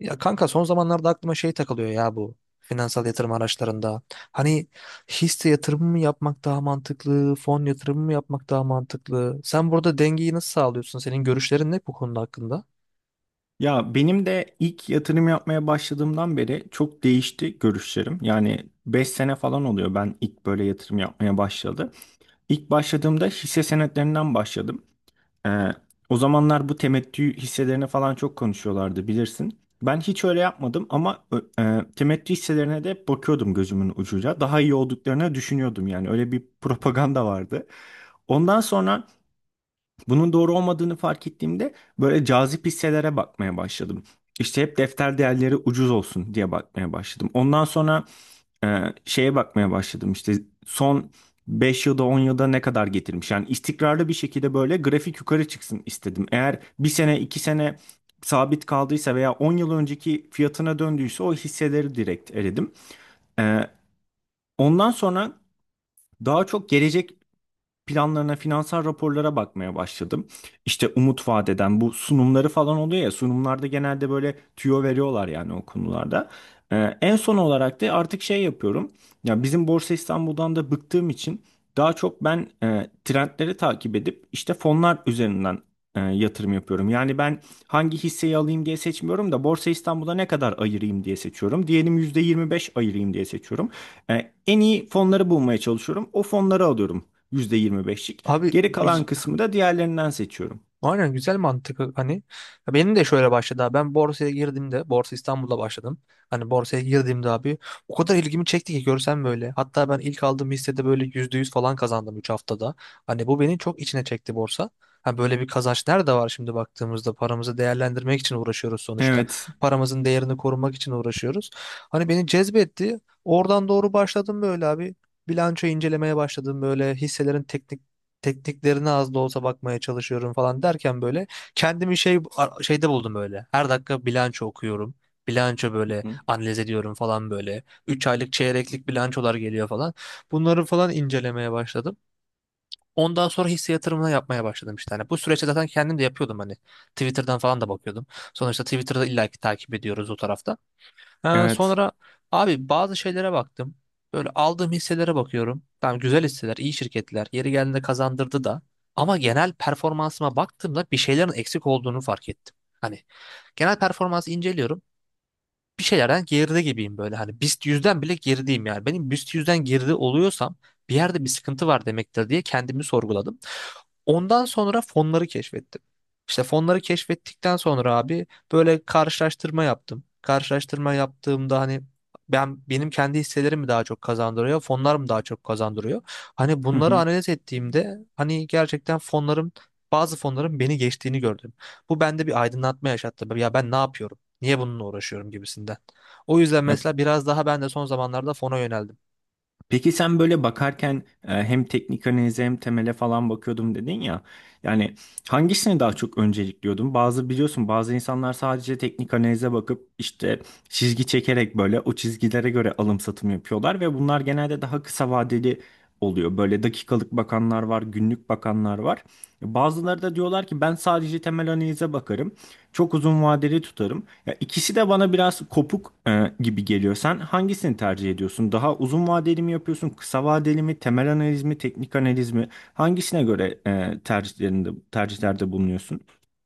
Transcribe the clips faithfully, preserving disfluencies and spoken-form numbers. Ya kanka son zamanlarda aklıma şey takılıyor ya bu finansal yatırım araçlarında. Hani hisse yatırımı mı yapmak daha mantıklı, fon yatırımı mı yapmak daha mantıklı? Sen burada dengeyi nasıl sağlıyorsun? Senin görüşlerin ne bu konuda hakkında? Ya benim de ilk yatırım yapmaya başladığımdan beri çok değişti görüşlerim. Yani beş sene falan oluyor ben ilk böyle yatırım yapmaya başladı. İlk başladığımda hisse senetlerinden başladım. Ee, O zamanlar bu temettü hisselerine falan çok konuşuyorlardı bilirsin. Ben hiç öyle yapmadım ama ö- e, temettü hisselerine de bakıyordum gözümün ucuyla. Daha iyi olduklarını düşünüyordum yani öyle bir propaganda vardı. Ondan sonra bunun doğru olmadığını fark ettiğimde böyle cazip hisselere bakmaya başladım. İşte hep defter değerleri ucuz olsun diye bakmaya başladım. Ondan sonra e, şeye bakmaya başladım. İşte son beş yılda on yılda ne kadar getirmiş. Yani istikrarlı bir şekilde böyle grafik yukarı çıksın istedim. Eğer bir sene iki sene sabit kaldıysa veya on yıl önceki fiyatına döndüyse o hisseleri direkt eledim. E, Ondan sonra daha çok gelecek planlarına, finansal raporlara bakmaya başladım. İşte umut vaat eden bu sunumları falan oluyor ya sunumlarda genelde böyle tüyo veriyorlar yani o konularda. Ee, en son olarak da artık şey yapıyorum. Ya bizim Borsa İstanbul'dan da bıktığım için daha çok ben e, trendleri takip edip işte fonlar üzerinden e, yatırım yapıyorum. Yani ben hangi hisseyi alayım diye seçmiyorum da Borsa İstanbul'da ne kadar ayırayım diye seçiyorum. Diyelim yüzde yirmi beş ayırayım diye seçiyorum. E, en iyi fonları bulmaya çalışıyorum. O fonları alıyorum. Yüzde yirmi beşlik. Abi Geri kalan güz- kısmı da diğerlerinden seçiyorum. Aynen güzel mantık. Hani ya benim de şöyle başladı abi. Ben borsaya girdiğimde Borsa İstanbul'da başladım, hani borsaya girdiğimde abi o kadar ilgimi çekti ki görsem böyle, hatta ben ilk aldığım hissede böyle yüzde yüz falan kazandım üç haftada. Hani bu beni çok içine çekti borsa. Ha, böyle bir kazanç nerede var şimdi baktığımızda? Paramızı değerlendirmek için uğraşıyoruz sonuçta, Evet. paramızın değerini korumak için uğraşıyoruz. Hani beni cezbetti, oradan doğru başladım böyle abi. Bilanço incelemeye başladım, böyle hisselerin teknik tekniklerine az da olsa bakmaya çalışıyorum falan derken böyle kendimi şey ar- şeyde buldum böyle. Her dakika bilanço okuyorum. Bilanço Hı böyle hı. analiz ediyorum falan böyle. Üç aylık çeyreklik bilançolar geliyor falan. Bunları falan incelemeye başladım. Ondan sonra hisse yatırımına yapmaya başladım işte. Hani bu süreçte zaten kendim de yapıyordum hani. Twitter'dan falan da bakıyordum. Sonuçta Twitter'da illaki takip ediyoruz o tarafta. Ha, Evet. sonra abi bazı şeylere baktım. Böyle aldığım hisselere bakıyorum. Tamam, güzel hisseler, iyi şirketler. Yeri geldiğinde kazandırdı da. Ama genel performansıma baktığımda bir şeylerin eksik olduğunu fark ettim. Hani genel performansı inceliyorum. Bir şeylerden geride gibiyim böyle. Hani BIST yüzden bile gerideyim yani. Benim BIST yüzden geride oluyorsam bir yerde bir sıkıntı var demektir diye kendimi sorguladım. Ondan sonra fonları keşfettim. İşte fonları keşfettikten sonra abi böyle karşılaştırma yaptım. Karşılaştırma yaptığımda hani ben benim kendi hisselerim mi daha çok kazandırıyor, fonlar mı daha çok kazandırıyor? Hani Hı bunları hı. analiz ettiğimde hani gerçekten fonlarım, bazı fonların beni geçtiğini gördüm. Bu bende bir aydınlatma yaşattı. Ya ben ne yapıyorum? Niye bununla uğraşıyorum gibisinden. O yüzden Ya, mesela biraz daha ben de son zamanlarda fona yöneldim. peki sen böyle bakarken e, hem teknik analize hem temele falan bakıyordum dedin ya. Yani hangisini daha çok öncelikliyordun? Bazı biliyorsun bazı insanlar sadece teknik analize bakıp işte çizgi çekerek böyle o çizgilere göre alım satım yapıyorlar ve bunlar genelde daha kısa vadeli oluyor. Böyle dakikalık bakanlar var, günlük bakanlar var. Bazıları da diyorlar ki ben sadece temel analize bakarım. Çok uzun vadeli tutarım. Ya ikisi de bana biraz kopuk e, gibi geliyor. Sen hangisini tercih ediyorsun? Daha uzun vadeli mi yapıyorsun? Kısa vadeli mi? Temel analiz mi? Teknik analiz mi? Hangisine göre e, tercihlerinde tercihlerde bulunuyorsun?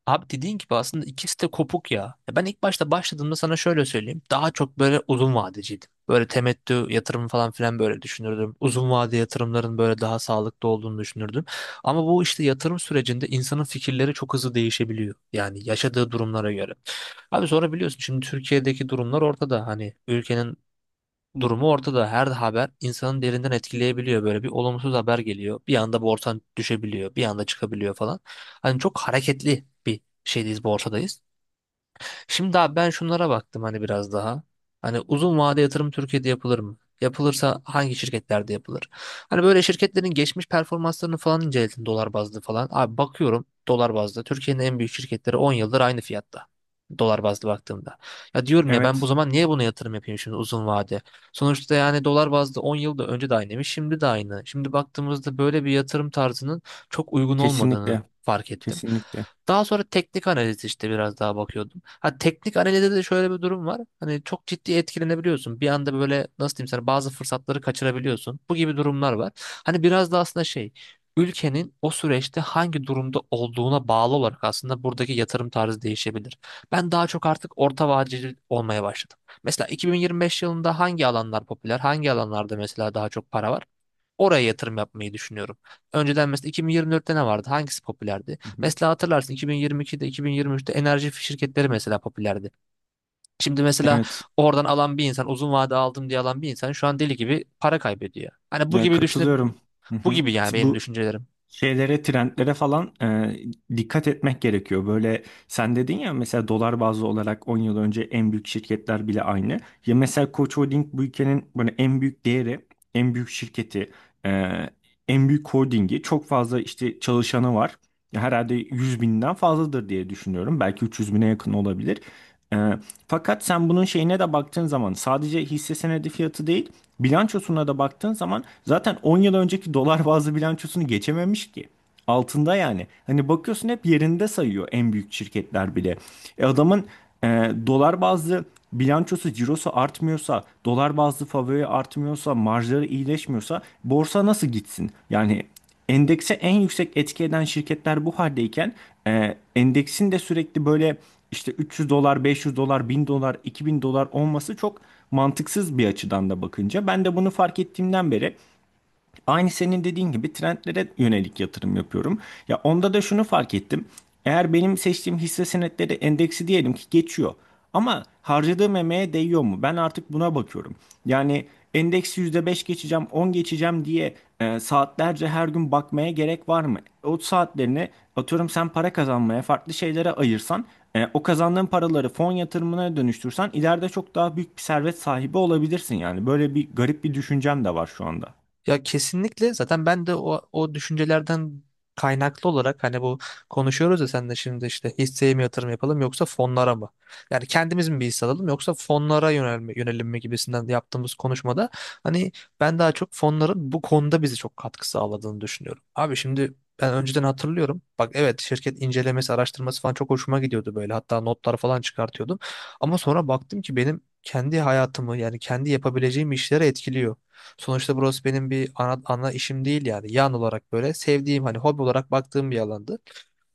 Abi dediğin gibi aslında ikisi de kopuk ya. Ya ben ilk başta başladığımda sana şöyle söyleyeyim. Daha çok böyle uzun vadeciydim. Böyle temettü yatırım falan filan böyle düşünürdüm. Uzun vade yatırımların böyle daha sağlıklı olduğunu düşünürdüm. Ama bu işte yatırım sürecinde insanın fikirleri çok hızlı değişebiliyor. Yani yaşadığı durumlara göre. Abi sonra biliyorsun şimdi Türkiye'deki durumlar ortada. Hani ülkenin durumu ortada. Her haber insanın derinden etkileyebiliyor. Böyle bir olumsuz haber geliyor. Bir anda borsan düşebiliyor. Bir anda çıkabiliyor falan. Hani çok hareketli bir şeydeyiz, borsadayız. Şimdi abi ben şunlara baktım hani biraz daha. Hani uzun vade yatırım Türkiye'de yapılır mı? Yapılırsa hangi şirketlerde yapılır? Hani böyle şirketlerin geçmiş performanslarını falan inceledim dolar bazlı falan. Abi bakıyorum dolar bazlı. Türkiye'nin en büyük şirketleri on yıldır aynı fiyatta. Dolar bazlı baktığımda. Ya diyorum ya ben bu Evet, zaman niye buna yatırım yapayım şimdi uzun vade? Sonuçta yani dolar bazlı on yılda önce de aynıymış, şimdi de aynı. Şimdi baktığımızda böyle bir yatırım tarzının çok uygun olmadığını kesinlikle, fark ettim. kesinlikle. Daha sonra teknik analiz işte biraz daha bakıyordum. Ha, teknik analizde de şöyle bir durum var. Hani çok ciddi etkilenebiliyorsun. Bir anda böyle nasıl diyeyim sana, bazı fırsatları kaçırabiliyorsun. Bu gibi durumlar var. Hani biraz da aslında şey ülkenin o süreçte hangi durumda olduğuna bağlı olarak aslında buradaki yatırım tarzı değişebilir. Ben daha çok artık orta vadeli olmaya başladım. Mesela iki bin yirmi beş yılında hangi alanlar popüler, hangi alanlarda mesela daha çok para var? Oraya yatırım yapmayı düşünüyorum. Önceden mesela iki bin yirmi dörtte ne vardı? Hangisi popülerdi? Hı hı. Mesela hatırlarsın iki bin yirmi ikide, iki bin yirmi üçte enerji şirketleri mesela popülerdi. Şimdi mesela Evet, oradan alan bir insan, uzun vade aldım diye alan bir insan şu an deli gibi para kaybediyor. Hani bu ya gibi düşünüp katılıyorum. Hı bu hı. gibi yani benim Bu düşüncelerim. şeylere, trendlere falan e, dikkat etmek gerekiyor. Böyle sen dedin ya mesela dolar bazlı olarak on yıl önce en büyük şirketler bile aynı. Ya mesela Koç Holding bu ülkenin böyle en büyük değeri, en büyük şirketi, e, en büyük holdingi. Çok fazla işte çalışanı var. Herhalde yüz binden fazladır diye düşünüyorum. Belki üç yüz bine yakın olabilir. E, Fakat sen bunun şeyine de baktığın zaman sadece hisse senedi fiyatı değil, bilançosuna da baktığın zaman zaten on yıl önceki dolar bazlı bilançosunu geçememiş ki. Altında yani. Hani bakıyorsun hep yerinde sayıyor en büyük şirketler bile. E adamın e, dolar bazlı bilançosu, cirosu artmıyorsa, dolar bazlı favori artmıyorsa, marjları iyileşmiyorsa borsa nasıl gitsin? Yani endekse en yüksek etki eden şirketler bu haldeyken e, endeksin de sürekli böyle işte üç yüz dolar, beş yüz dolar, bin dolar, iki bin dolar olması çok mantıksız bir açıdan da bakınca. Ben de bunu fark ettiğimden beri aynı senin dediğin gibi trendlere yönelik yatırım yapıyorum. Ya onda da şunu fark ettim. Eğer benim seçtiğim hisse senetleri endeksi diyelim ki geçiyor. Ama harcadığım emeğe değiyor mu? Ben artık buna bakıyorum. Yani endeksi yüzde beş geçeceğim, on geçeceğim diye e, saatlerce her gün bakmaya gerek var mı? O saatlerini atıyorum sen para kazanmaya, farklı şeylere ayırsan, e, o kazandığın paraları fon yatırımına dönüştürsen ileride çok daha büyük bir servet sahibi olabilirsin yani. Böyle bir garip bir düşüncem de var şu anda. Ya kesinlikle zaten ben de o, o düşüncelerden kaynaklı olarak hani bu konuşuyoruz ya sen de şimdi işte hisseye mi yatırım yapalım yoksa fonlara mı? Yani kendimiz mi bir hisse alalım yoksa fonlara yönelme, yönelim mi gibisinden yaptığımız konuşmada hani ben daha çok fonların bu konuda bize çok katkı sağladığını düşünüyorum. Abi şimdi ben önceden hatırlıyorum. Bak evet, şirket incelemesi, araştırması falan çok hoşuma gidiyordu böyle. Hatta notlar falan çıkartıyordum. Ama sonra baktım ki benim kendi hayatımı yani kendi yapabileceğim işlere etkiliyor. Sonuçta burası benim bir ana, ana işim değil yani. Yan olarak böyle sevdiğim hani hobi olarak baktığım bir alandı.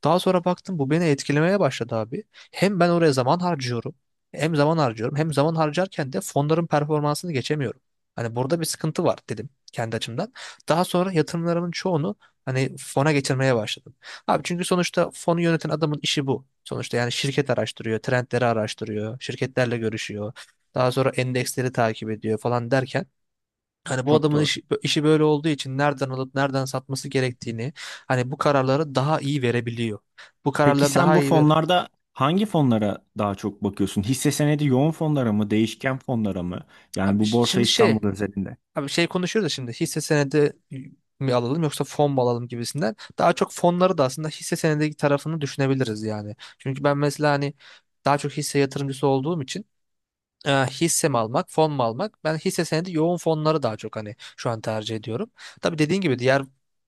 Daha sonra baktım bu beni etkilemeye başladı abi. Hem ben oraya zaman harcıyorum. Hem zaman harcıyorum. Hem zaman harcarken de fonların performansını geçemiyorum. Hani burada bir sıkıntı var dedim kendi açımdan. Daha sonra yatırımlarımın çoğunu hani fona geçirmeye başladım. Abi çünkü sonuçta fonu yöneten adamın işi bu. Sonuçta yani şirket araştırıyor, trendleri araştırıyor, şirketlerle görüşüyor. Daha sonra endeksleri takip ediyor falan derken hani bu Çok adamın doğru. iş- işi böyle olduğu için nereden alıp nereden satması gerektiğini, hani bu kararları daha iyi verebiliyor. Bu Peki kararları sen daha bu iyi ver. fonlarda hangi fonlara daha çok bakıyorsun? Hisse senedi yoğun fonlara mı, değişken fonlara mı? Yani Abi bu ş- Borsa şimdi şey İstanbul özelinde. abi şey konuşuyoruz da şimdi hisse senedi mi alalım yoksa fon mu alalım gibisinden. Daha çok fonları da aslında hisse senedi tarafını düşünebiliriz yani. Çünkü ben mesela hani daha çok hisse yatırımcısı olduğum için e, hisse mi almak, fon mu almak? Ben hisse senedi yoğun fonları daha çok hani şu an tercih ediyorum. Tabii dediğin gibi diğer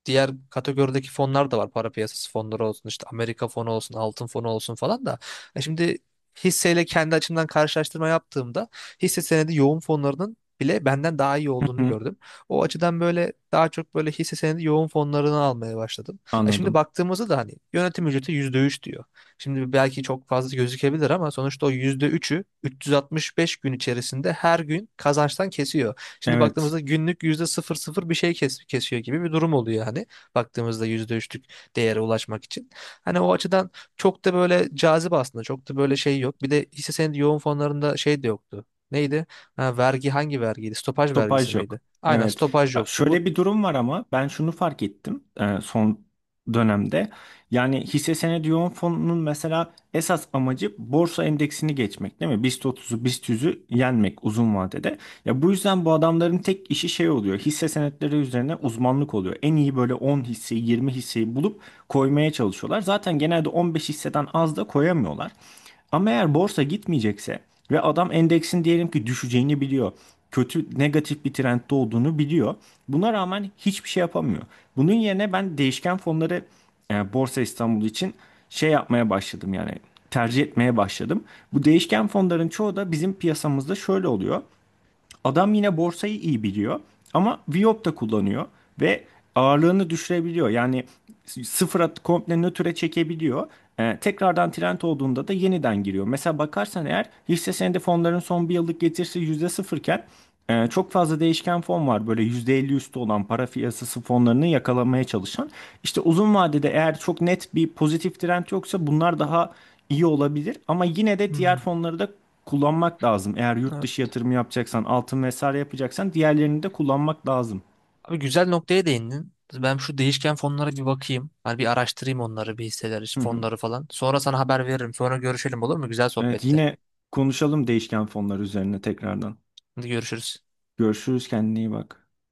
diğer kategorideki fonlar da var. Para piyasası fonları olsun, işte Amerika fonu olsun, altın fonu olsun falan da. E şimdi hisseyle kendi açımdan karşılaştırma yaptığımda hisse senedi yoğun fonlarının bile benden daha iyi Hı olduğunu hı. gördüm. O açıdan böyle daha çok böyle hisse senedi yoğun fonlarını almaya başladım. E şimdi Anladım. baktığımızda da hani yönetim ücreti yüzde üç diyor. Şimdi belki çok fazla gözükebilir ama sonuçta o yüzde üçü üç yüz altmış beş gün içerisinde her gün kazançtan kesiyor. Şimdi Evet. baktığımızda günlük yüzde sıfır sıfır bir şey kes kesiyor gibi bir durum oluyor hani baktığımızda yüzde üçlük değere ulaşmak için. Hani o açıdan çok da böyle cazip aslında, çok da böyle şey yok. Bir de hisse senedi yoğun fonlarında şey de yoktu. Neydi? Ha, vergi hangi vergiydi? Stopaj vergisi Topaj yok. miydi? Aynen, Evet. stopaj Ya yoktu. Bu. şöyle bir durum var ama ben şunu fark ettim e, son dönemde. Yani hisse senedi yoğun fonunun mesela esas amacı borsa endeksini geçmek değil mi? BIST otuzu, BIST yüzü yenmek uzun vadede. Ya bu yüzden bu adamların tek işi şey oluyor. Hisse senetleri üzerine uzmanlık oluyor. En iyi böyle on hisseyi, yirmi hisseyi bulup koymaya çalışıyorlar. Zaten genelde on beş hisseden az da koyamıyorlar. Ama eğer borsa gitmeyecekse ve adam endeksin diyelim ki düşeceğini biliyor. Kötü negatif bir trendde olduğunu biliyor. Buna rağmen hiçbir şey yapamıyor. Bunun yerine ben değişken fonları e, Borsa İstanbul için şey yapmaya başladım yani tercih etmeye başladım. Bu değişken fonların çoğu da bizim piyasamızda şöyle oluyor. Adam yine borsayı iyi biliyor ama vivap da kullanıyor ve ağırlığını düşürebiliyor. Yani sıfıra komple nötre çekebiliyor. Ee, tekrardan trend olduğunda da yeniden giriyor. Mesela bakarsan eğer hisse senedi fonların son bir yıllık getirisi yüzde sıfır iken e, çok fazla değişken fon var böyle yüzde elli üstü olan para piyasası fonlarını yakalamaya çalışan. İşte uzun vadede eğer çok net bir pozitif trend yoksa bunlar daha iyi olabilir ama yine de diğer Hmm. fonları da kullanmak lazım. Eğer yurt dışı yatırımı yapacaksan, altın vesaire yapacaksan diğerlerini de kullanmak lazım. Abi güzel noktaya değindin. Ben şu değişken fonlara bir bakayım. Hani bir araştırayım onları, bir hisseleri, Hı hı. fonları falan. Sonra sana haber veririm. Sonra görüşelim, olur mu? Güzel Evet sohbette. yine konuşalım değişken fonlar üzerine tekrardan. Hadi görüşürüz. Görüşürüz kendine iyi bak.